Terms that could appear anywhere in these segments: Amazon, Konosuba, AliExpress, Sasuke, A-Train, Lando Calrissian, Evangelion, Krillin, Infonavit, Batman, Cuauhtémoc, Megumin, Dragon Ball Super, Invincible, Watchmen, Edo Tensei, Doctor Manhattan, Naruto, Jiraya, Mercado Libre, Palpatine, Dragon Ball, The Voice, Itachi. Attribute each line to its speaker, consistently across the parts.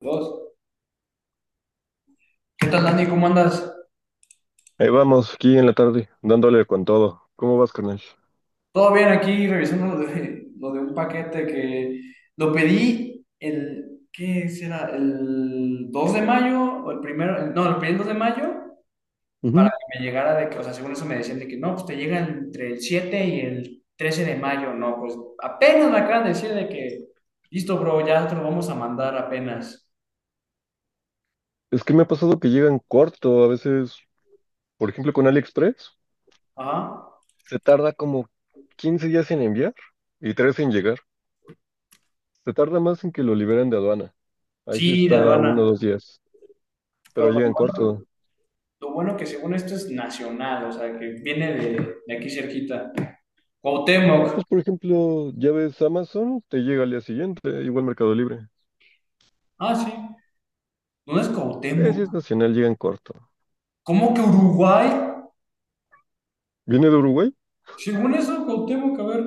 Speaker 1: Dos. ¿Qué tal, Dani? ¿Cómo andas?
Speaker 2: Ahí vamos, aquí en la tarde, dándole con todo. ¿Cómo vas, carnal?
Speaker 1: Todo bien aquí, revisando lo de un paquete que lo pedí el, ¿qué será? El 2 de mayo o el primero, no, lo pedí el 2 de mayo para
Speaker 2: Ujú.
Speaker 1: que me llegara de que, o sea, según eso me decían de que no, pues te llega entre el 7 y el 13 de mayo, no, pues apenas me acaban de decir de que, listo, bro, ya te lo vamos a mandar apenas.
Speaker 2: Es que me ha pasado que llegan corto, a veces, por ejemplo, con AliExpress,
Speaker 1: Ajá.
Speaker 2: se tarda como 15 días en enviar y 3 en llegar. Se tarda más en que lo liberen de aduana. Ahí
Speaker 1: Sí,
Speaker 2: sí se
Speaker 1: de
Speaker 2: tarda
Speaker 1: aduana.
Speaker 2: uno o dos días,
Speaker 1: No,
Speaker 2: pero
Speaker 1: pero
Speaker 2: llegan
Speaker 1: bueno,
Speaker 2: corto.
Speaker 1: lo bueno que según esto es nacional, o sea, que viene de aquí cerquita.
Speaker 2: Ah,
Speaker 1: Cuauhtémoc.
Speaker 2: pues por ejemplo, ya ves Amazon, te llega al día siguiente, igual Mercado Libre.
Speaker 1: Ah, sí. No es Cuauhtémoc.
Speaker 2: Si es nacional, llegan corto.
Speaker 1: ¿Cómo que Uruguay?
Speaker 2: ¿Viene de Uruguay?
Speaker 1: Según eso, Cuauhtémoc, a ver.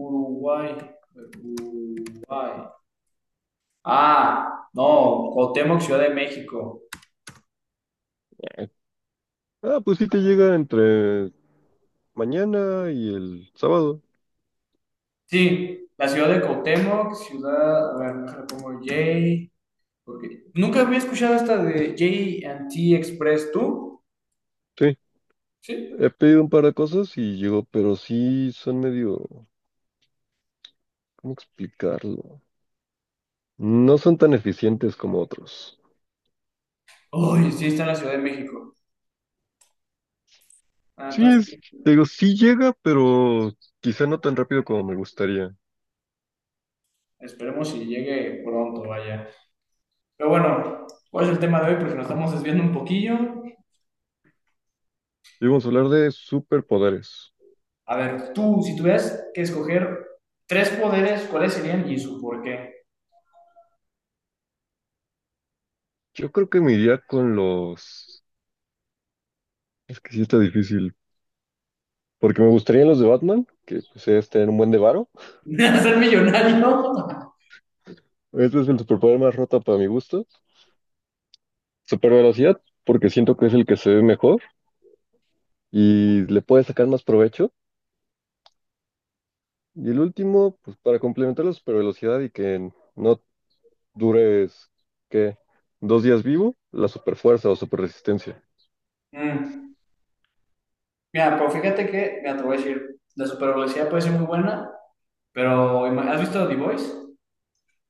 Speaker 1: Uruguay. Uruguay. Ah, no. Cuauhtémoc, Ciudad de México.
Speaker 2: Ah, pues sí te llega entre mañana y el sábado.
Speaker 1: Sí, la ciudad de Cuauhtémoc, ciudad. A ver, déjale pongo J. Porque nunca había escuchado esta de J and T Express, ¿tú?
Speaker 2: Sí.
Speaker 1: Sí.
Speaker 2: He pedido un par de cosas y llegó, pero sí son medio, ¿cómo explicarlo? No son tan eficientes como otros.
Speaker 1: Uy sí, está en la Ciudad de México. Ah,
Speaker 2: Sí,
Speaker 1: entonces,
Speaker 2: te digo, sí llega, pero quizá no tan rápido como me gustaría.
Speaker 1: esperemos si llegue pronto, vaya. Pero bueno, ¿cuál es el tema de hoy? Porque nos estamos desviando un poquillo.
Speaker 2: Y vamos a hablar de superpoderes.
Speaker 1: A ver, tú, si tuvieras que escoger tres poderes, ¿cuáles serían y su por qué?
Speaker 2: Yo creo que me iría con los... Es que sí está difícil, porque me gustarían los de Batman, que pues es tener un buen de varo.
Speaker 1: ¿Ser millonario?
Speaker 2: Este es el superpoder más roto para mi gusto. Super velocidad, porque siento que es el que se ve mejor y le puede sacar más provecho. Y el último, pues para complementar la supervelocidad y que no dures, ¿qué? ¿Dos días vivo? La superfuerza o superresistencia.
Speaker 1: Mm, mira, pero fíjate que, mira, te voy a decir, la supervelocidad puede ser muy buena, pero ¿has visto The Voice?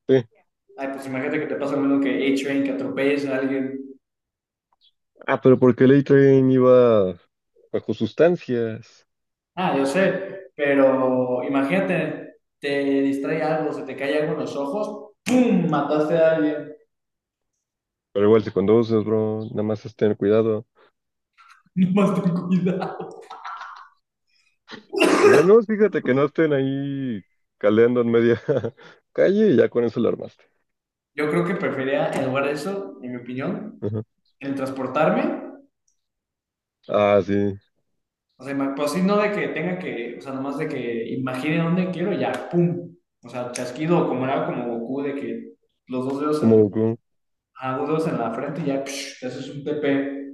Speaker 2: Sí.
Speaker 1: Ay, pues imagínate que te pasa lo mismo que A-Train, que atropelles a alguien.
Speaker 2: Ah, pero porque el A-Train iba bajo sustancias.
Speaker 1: Ah, yo sé, pero imagínate, te distrae algo, se te cae algo en los ojos, ¡pum! Mataste a alguien.
Speaker 2: Pero igual si conduces, bro, nada más es tener cuidado.
Speaker 1: No más ten cuidado.
Speaker 2: O sea, no, fíjate que no estén ahí caleando en media calle y ya con eso lo armaste.
Speaker 1: Yo creo que prefería, en lugar de eso, en mi opinión,
Speaker 2: Ajá.
Speaker 1: el transportarme.
Speaker 2: Ah, sí,
Speaker 1: O sea, pues sí, no de que tenga que, o sea, nomás de que imagine dónde quiero y ya, ¡pum! O sea, chasquido, como era como Goku, de que los dos dedos
Speaker 2: como
Speaker 1: en,
Speaker 2: Goku.
Speaker 1: ah, dos dedos en la frente y ya, psh, te haces un TP.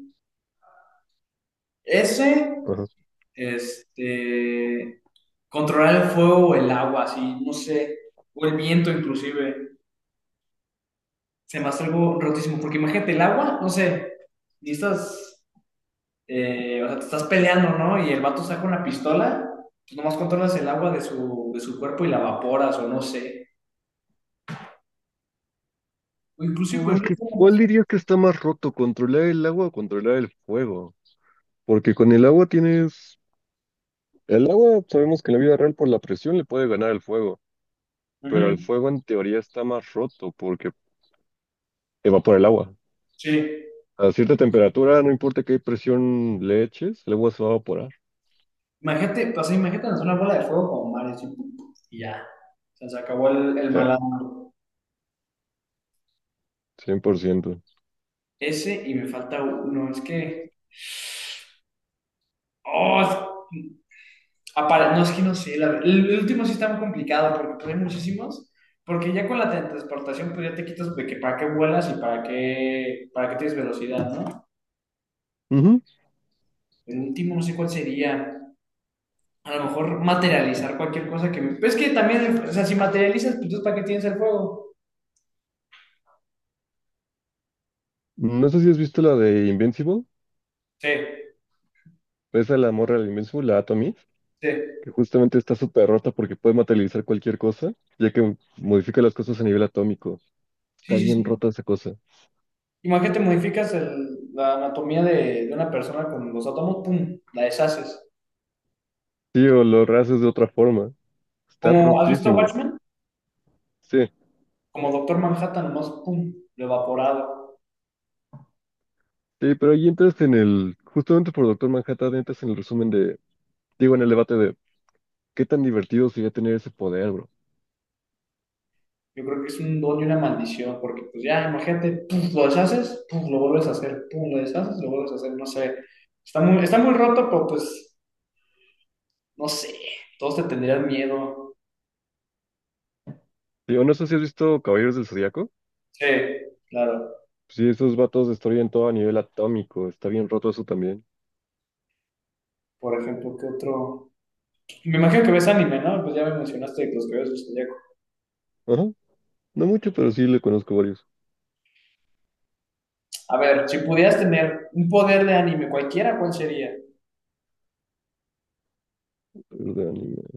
Speaker 1: Ese,
Speaker 2: Ajá.
Speaker 1: este, controlar el fuego o el agua, así, no sé, o el viento inclusive, se me hace algo rotísimo, porque imagínate el agua, no sé, necesitas o sea, te estás peleando, ¿no? Y el vato saca una pistola, tú nomás controlas el agua de su cuerpo y la evaporas, o no sé. O inclusive con
Speaker 2: Es
Speaker 1: los
Speaker 2: que, ¿cuál
Speaker 1: bombas.
Speaker 2: dirías que está más roto? ¿Controlar el agua o controlar el fuego? Porque con el agua tienes. El agua, sabemos que en la vida real por la presión le puede ganar el fuego, pero el
Speaker 1: Ujú.
Speaker 2: fuego en teoría está más roto porque evapora el agua.
Speaker 1: Sí.
Speaker 2: A cierta temperatura, no importa qué presión le eches, el agua se va a evaporar.
Speaker 1: Imagínate, pues, imagínate lanzar una bola de fuego como mares y, pum, pum, y ya. O sea, se acabó el
Speaker 2: Sí,
Speaker 1: malandro.
Speaker 2: 100%.
Speaker 1: Ese y me falta uno. Es que. Oh, no, es que no sé. El último sí está muy complicado porque pues, hay muchísimos. Porque ya con la teletransportación, pues ya te quitas de que para qué vuelas y para qué tienes velocidad, ¿no?
Speaker 2: Ujú.
Speaker 1: El último, no sé cuál sería. A lo mejor materializar cualquier cosa que me. Pues es que también, o sea, si materializas, pues ¿para qué tienes el fuego?
Speaker 2: No sé si has visto la de Invincible,
Speaker 1: Sí,
Speaker 2: esa a la morra de Invincible, la Atomy,
Speaker 1: sí,
Speaker 2: que justamente está súper rota porque puede materializar cualquier cosa, ya que modifica las cosas a nivel atómico. Está
Speaker 1: sí, sí.
Speaker 2: bien
Speaker 1: sí.
Speaker 2: rota esa cosa.
Speaker 1: Imagínate, modificas la anatomía de una persona con los átomos, pum, la deshaces.
Speaker 2: Sí, o lo haces de otra forma. Está
Speaker 1: Como, ¿has visto
Speaker 2: rotísimo.
Speaker 1: Watchmen?
Speaker 2: Sí.
Speaker 1: Como Doctor Manhattan, nomás, pum, lo evaporado.
Speaker 2: Sí, pero ahí entras en el, justamente por Doctor Manhattan, entras en el resumen de, digo, en el debate de qué tan divertido sería tener ese poder, bro.
Speaker 1: Yo creo que es un don y una maldición, porque pues ya, imagínate, pum, lo deshaces, pum, lo vuelves a hacer, pum, lo deshaces, lo vuelves a hacer, no sé. Está muy roto, pero pues no sé, todos te tendrían miedo.
Speaker 2: Digo, no sé si has visto Caballeros del Zodíaco.
Speaker 1: Sí, claro.
Speaker 2: Sí, esos vatos destruyen todo a nivel atómico, está bien roto eso también.
Speaker 1: Por ejemplo, ¿qué otro? Me imagino que ves anime, ¿no? Pues ya me mencionaste que los que ves los zodiaco.
Speaker 2: Ajá, no mucho, pero sí le conozco varios
Speaker 1: A ver, si pudieras tener un poder de anime, cualquiera, ¿cuál sería?
Speaker 2: de anime.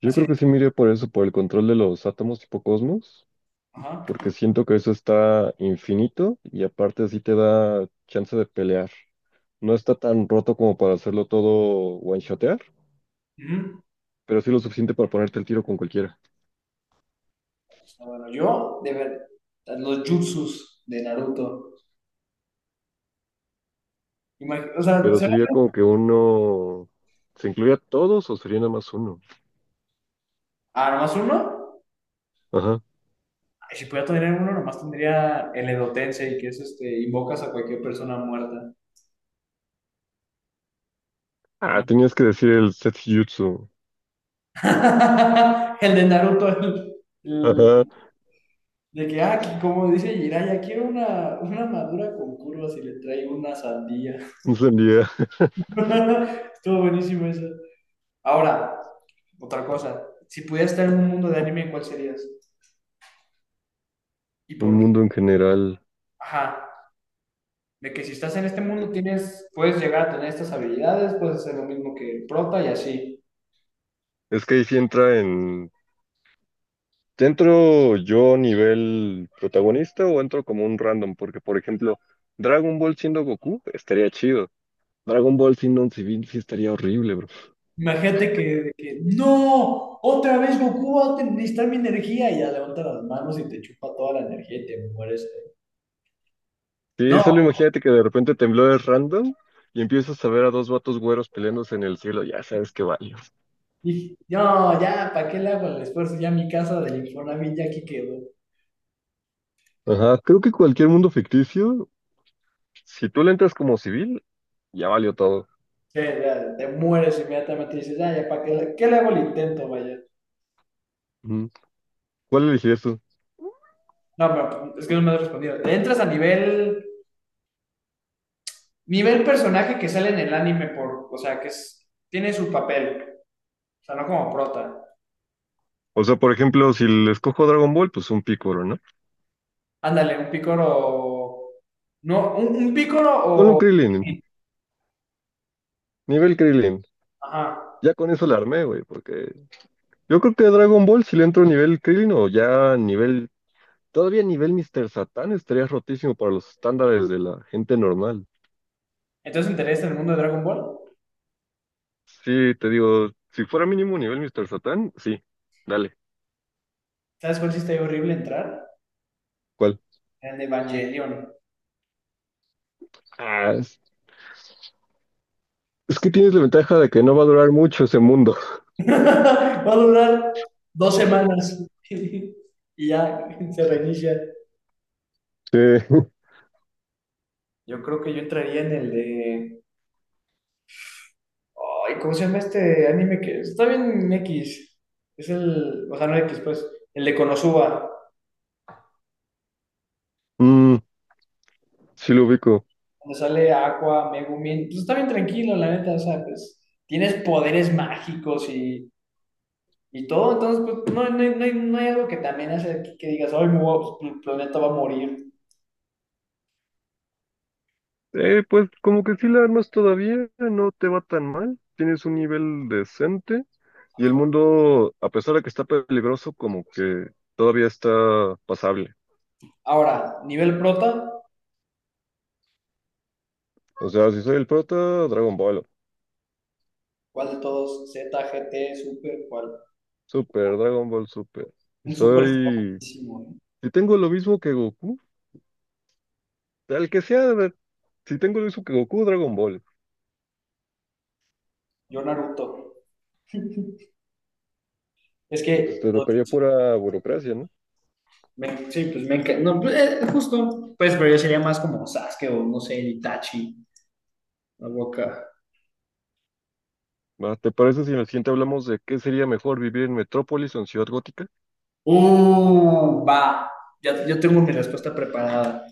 Speaker 2: Yo
Speaker 1: Así
Speaker 2: creo
Speaker 1: de...
Speaker 2: que sí miré por eso, por el control de los átomos tipo cosmos,
Speaker 1: Ajá.
Speaker 2: porque siento que eso está infinito y aparte así te da chance de pelear. No está tan roto como para hacerlo todo one-shotear
Speaker 1: Ujú.
Speaker 2: pero sí lo suficiente para ponerte el tiro con cualquiera.
Speaker 1: Ah, bueno, yo, de ver, los jutsus de Naruto. O sea,
Speaker 2: Pero
Speaker 1: ¿se-
Speaker 2: sería como que uno... ¿Se incluye a todos o sería nada más uno?
Speaker 1: ah, nomás uno.
Speaker 2: Ajá.
Speaker 1: Ay, si pudiera tener uno, nomás tendría el Edo Tensei, que es este, invocas a cualquier persona muerta.
Speaker 2: Ah,
Speaker 1: Imagínate.
Speaker 2: tenías que decir el Setjutsu.
Speaker 1: El de Naruto, el
Speaker 2: Ajá.
Speaker 1: de que, ah, aquí, como dice Jiraya, quiero una madura con curvas y le traigo una sandía.
Speaker 2: No sería
Speaker 1: Estuvo buenísimo eso. Ahora, otra cosa. Si pudieras estar en un mundo de anime, ¿cuál serías? ¿Y
Speaker 2: un
Speaker 1: por qué?
Speaker 2: mundo en general.
Speaker 1: Ajá. De que si estás en este mundo tienes, puedes llegar a tener estas habilidades, puedes hacer lo mismo que el prota y así.
Speaker 2: Es que ahí sí entra en... ¿Ya ¿Entro yo nivel protagonista o entro como un random? Porque, por ejemplo, Dragon Ball siendo Goku estaría chido. Dragon Ball siendo un civil sí estaría horrible, bro.
Speaker 1: Imagínate que, de que, no, otra vez Goku va necesitar mi energía y ya levanta las manos y te chupa toda la energía y te mueres. ¿Eh?
Speaker 2: Sí,
Speaker 1: No,
Speaker 2: solo imagínate que de repente temblores random y empiezas a ver a dos vatos güeros peleándose en el cielo, ya sabes que valió.
Speaker 1: dije, no, ya, ¿para qué le hago el esfuerzo? Ya mi casa del Infonavit ya aquí quedó.
Speaker 2: Ajá, creo que cualquier mundo ficticio, si tú le entras como civil, ya valió todo.
Speaker 1: Sí, ya, te mueres inmediatamente y dices, ya, ya, ¿para qué, qué le hago el intento, vaya?
Speaker 2: Ujú. ¿Cuál elegirías tú?
Speaker 1: No, pero es que no me has respondido. Te entras a nivel personaje que sale en el anime por, o sea, que tiene su papel, o sea, no como prota.
Speaker 2: O sea, por ejemplo, si le escojo Dragon Ball, pues un Piccolo, ¿no?
Speaker 1: Ándale, un pícoro, no, un pícoro
Speaker 2: Con un
Speaker 1: o,
Speaker 2: Krillin, nivel Krillin.
Speaker 1: ajá.
Speaker 2: Ya con eso la armé, güey, porque yo creo que a Dragon Ball si le entro nivel Krillin o ya nivel, todavía nivel Mr. Satan estaría rotísimo para los estándares de la gente normal.
Speaker 1: Entonces, ¿te interesa en el mundo de Dragon Ball?
Speaker 2: Sí, te digo, si fuera mínimo nivel Mr. Satán, sí, dale.
Speaker 1: ¿Sabes cuál sí está horrible entrar?
Speaker 2: ¿Cuál?
Speaker 1: En el de Evangelion.
Speaker 2: Ah, es, es que tienes la ventaja de que no va a durar mucho ese mundo.
Speaker 1: Va a durar dos semanas y ya se reinicia.
Speaker 2: Sí,
Speaker 1: Yo creo que yo entraría en el de. Ay, ¿cómo se llama este anime que está bien X? Es el. O sea, no X, pues. El de Konosuba.
Speaker 2: Mm, sí lo ubico.
Speaker 1: Donde sale Aqua, Megumin. Pues está bien tranquilo, la neta. O sea, pues. Tienes poderes mágicos y todo. Entonces, pues, no hay, no hay algo que también hace que digas, ay, me voy el planeta va a morir.
Speaker 2: Pues como que sí la armas todavía, no te va tan mal. Tienes un nivel decente y el mundo, a pesar de que está peligroso, como que todavía está pasable.
Speaker 1: Ahora, nivel prota,
Speaker 2: O sea, si soy el prota, Dragon Ball.
Speaker 1: ¿cuál de todos? Z, G T Super, ¿cuál?
Speaker 2: Super, Dragon Ball Super. Si
Speaker 1: Un Super está
Speaker 2: soy...
Speaker 1: buenísimo, ¿eh?
Speaker 2: Si tengo lo mismo que Goku. Al que sea, a ver, si tengo el uso que Goku, Dragon Ball,
Speaker 1: Yo Naruto. Es
Speaker 2: pues
Speaker 1: que
Speaker 2: te
Speaker 1: los
Speaker 2: tocaría
Speaker 1: jutsu
Speaker 2: pura burocracia, ¿no?
Speaker 1: sí, pues me encanta. No, pues, justo. Pues, pero yo sería más como Sasuke o no sé, Itachi. La boca.
Speaker 2: Va, ¿te parece si en el siguiente hablamos de qué sería mejor vivir en metrópolis o en ciudad gótica?
Speaker 1: Va. Ya, yo tengo mi respuesta preparada.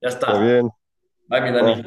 Speaker 1: Ya
Speaker 2: Está
Speaker 1: está.
Speaker 2: bien,
Speaker 1: Bye, mi Dani.
Speaker 2: va.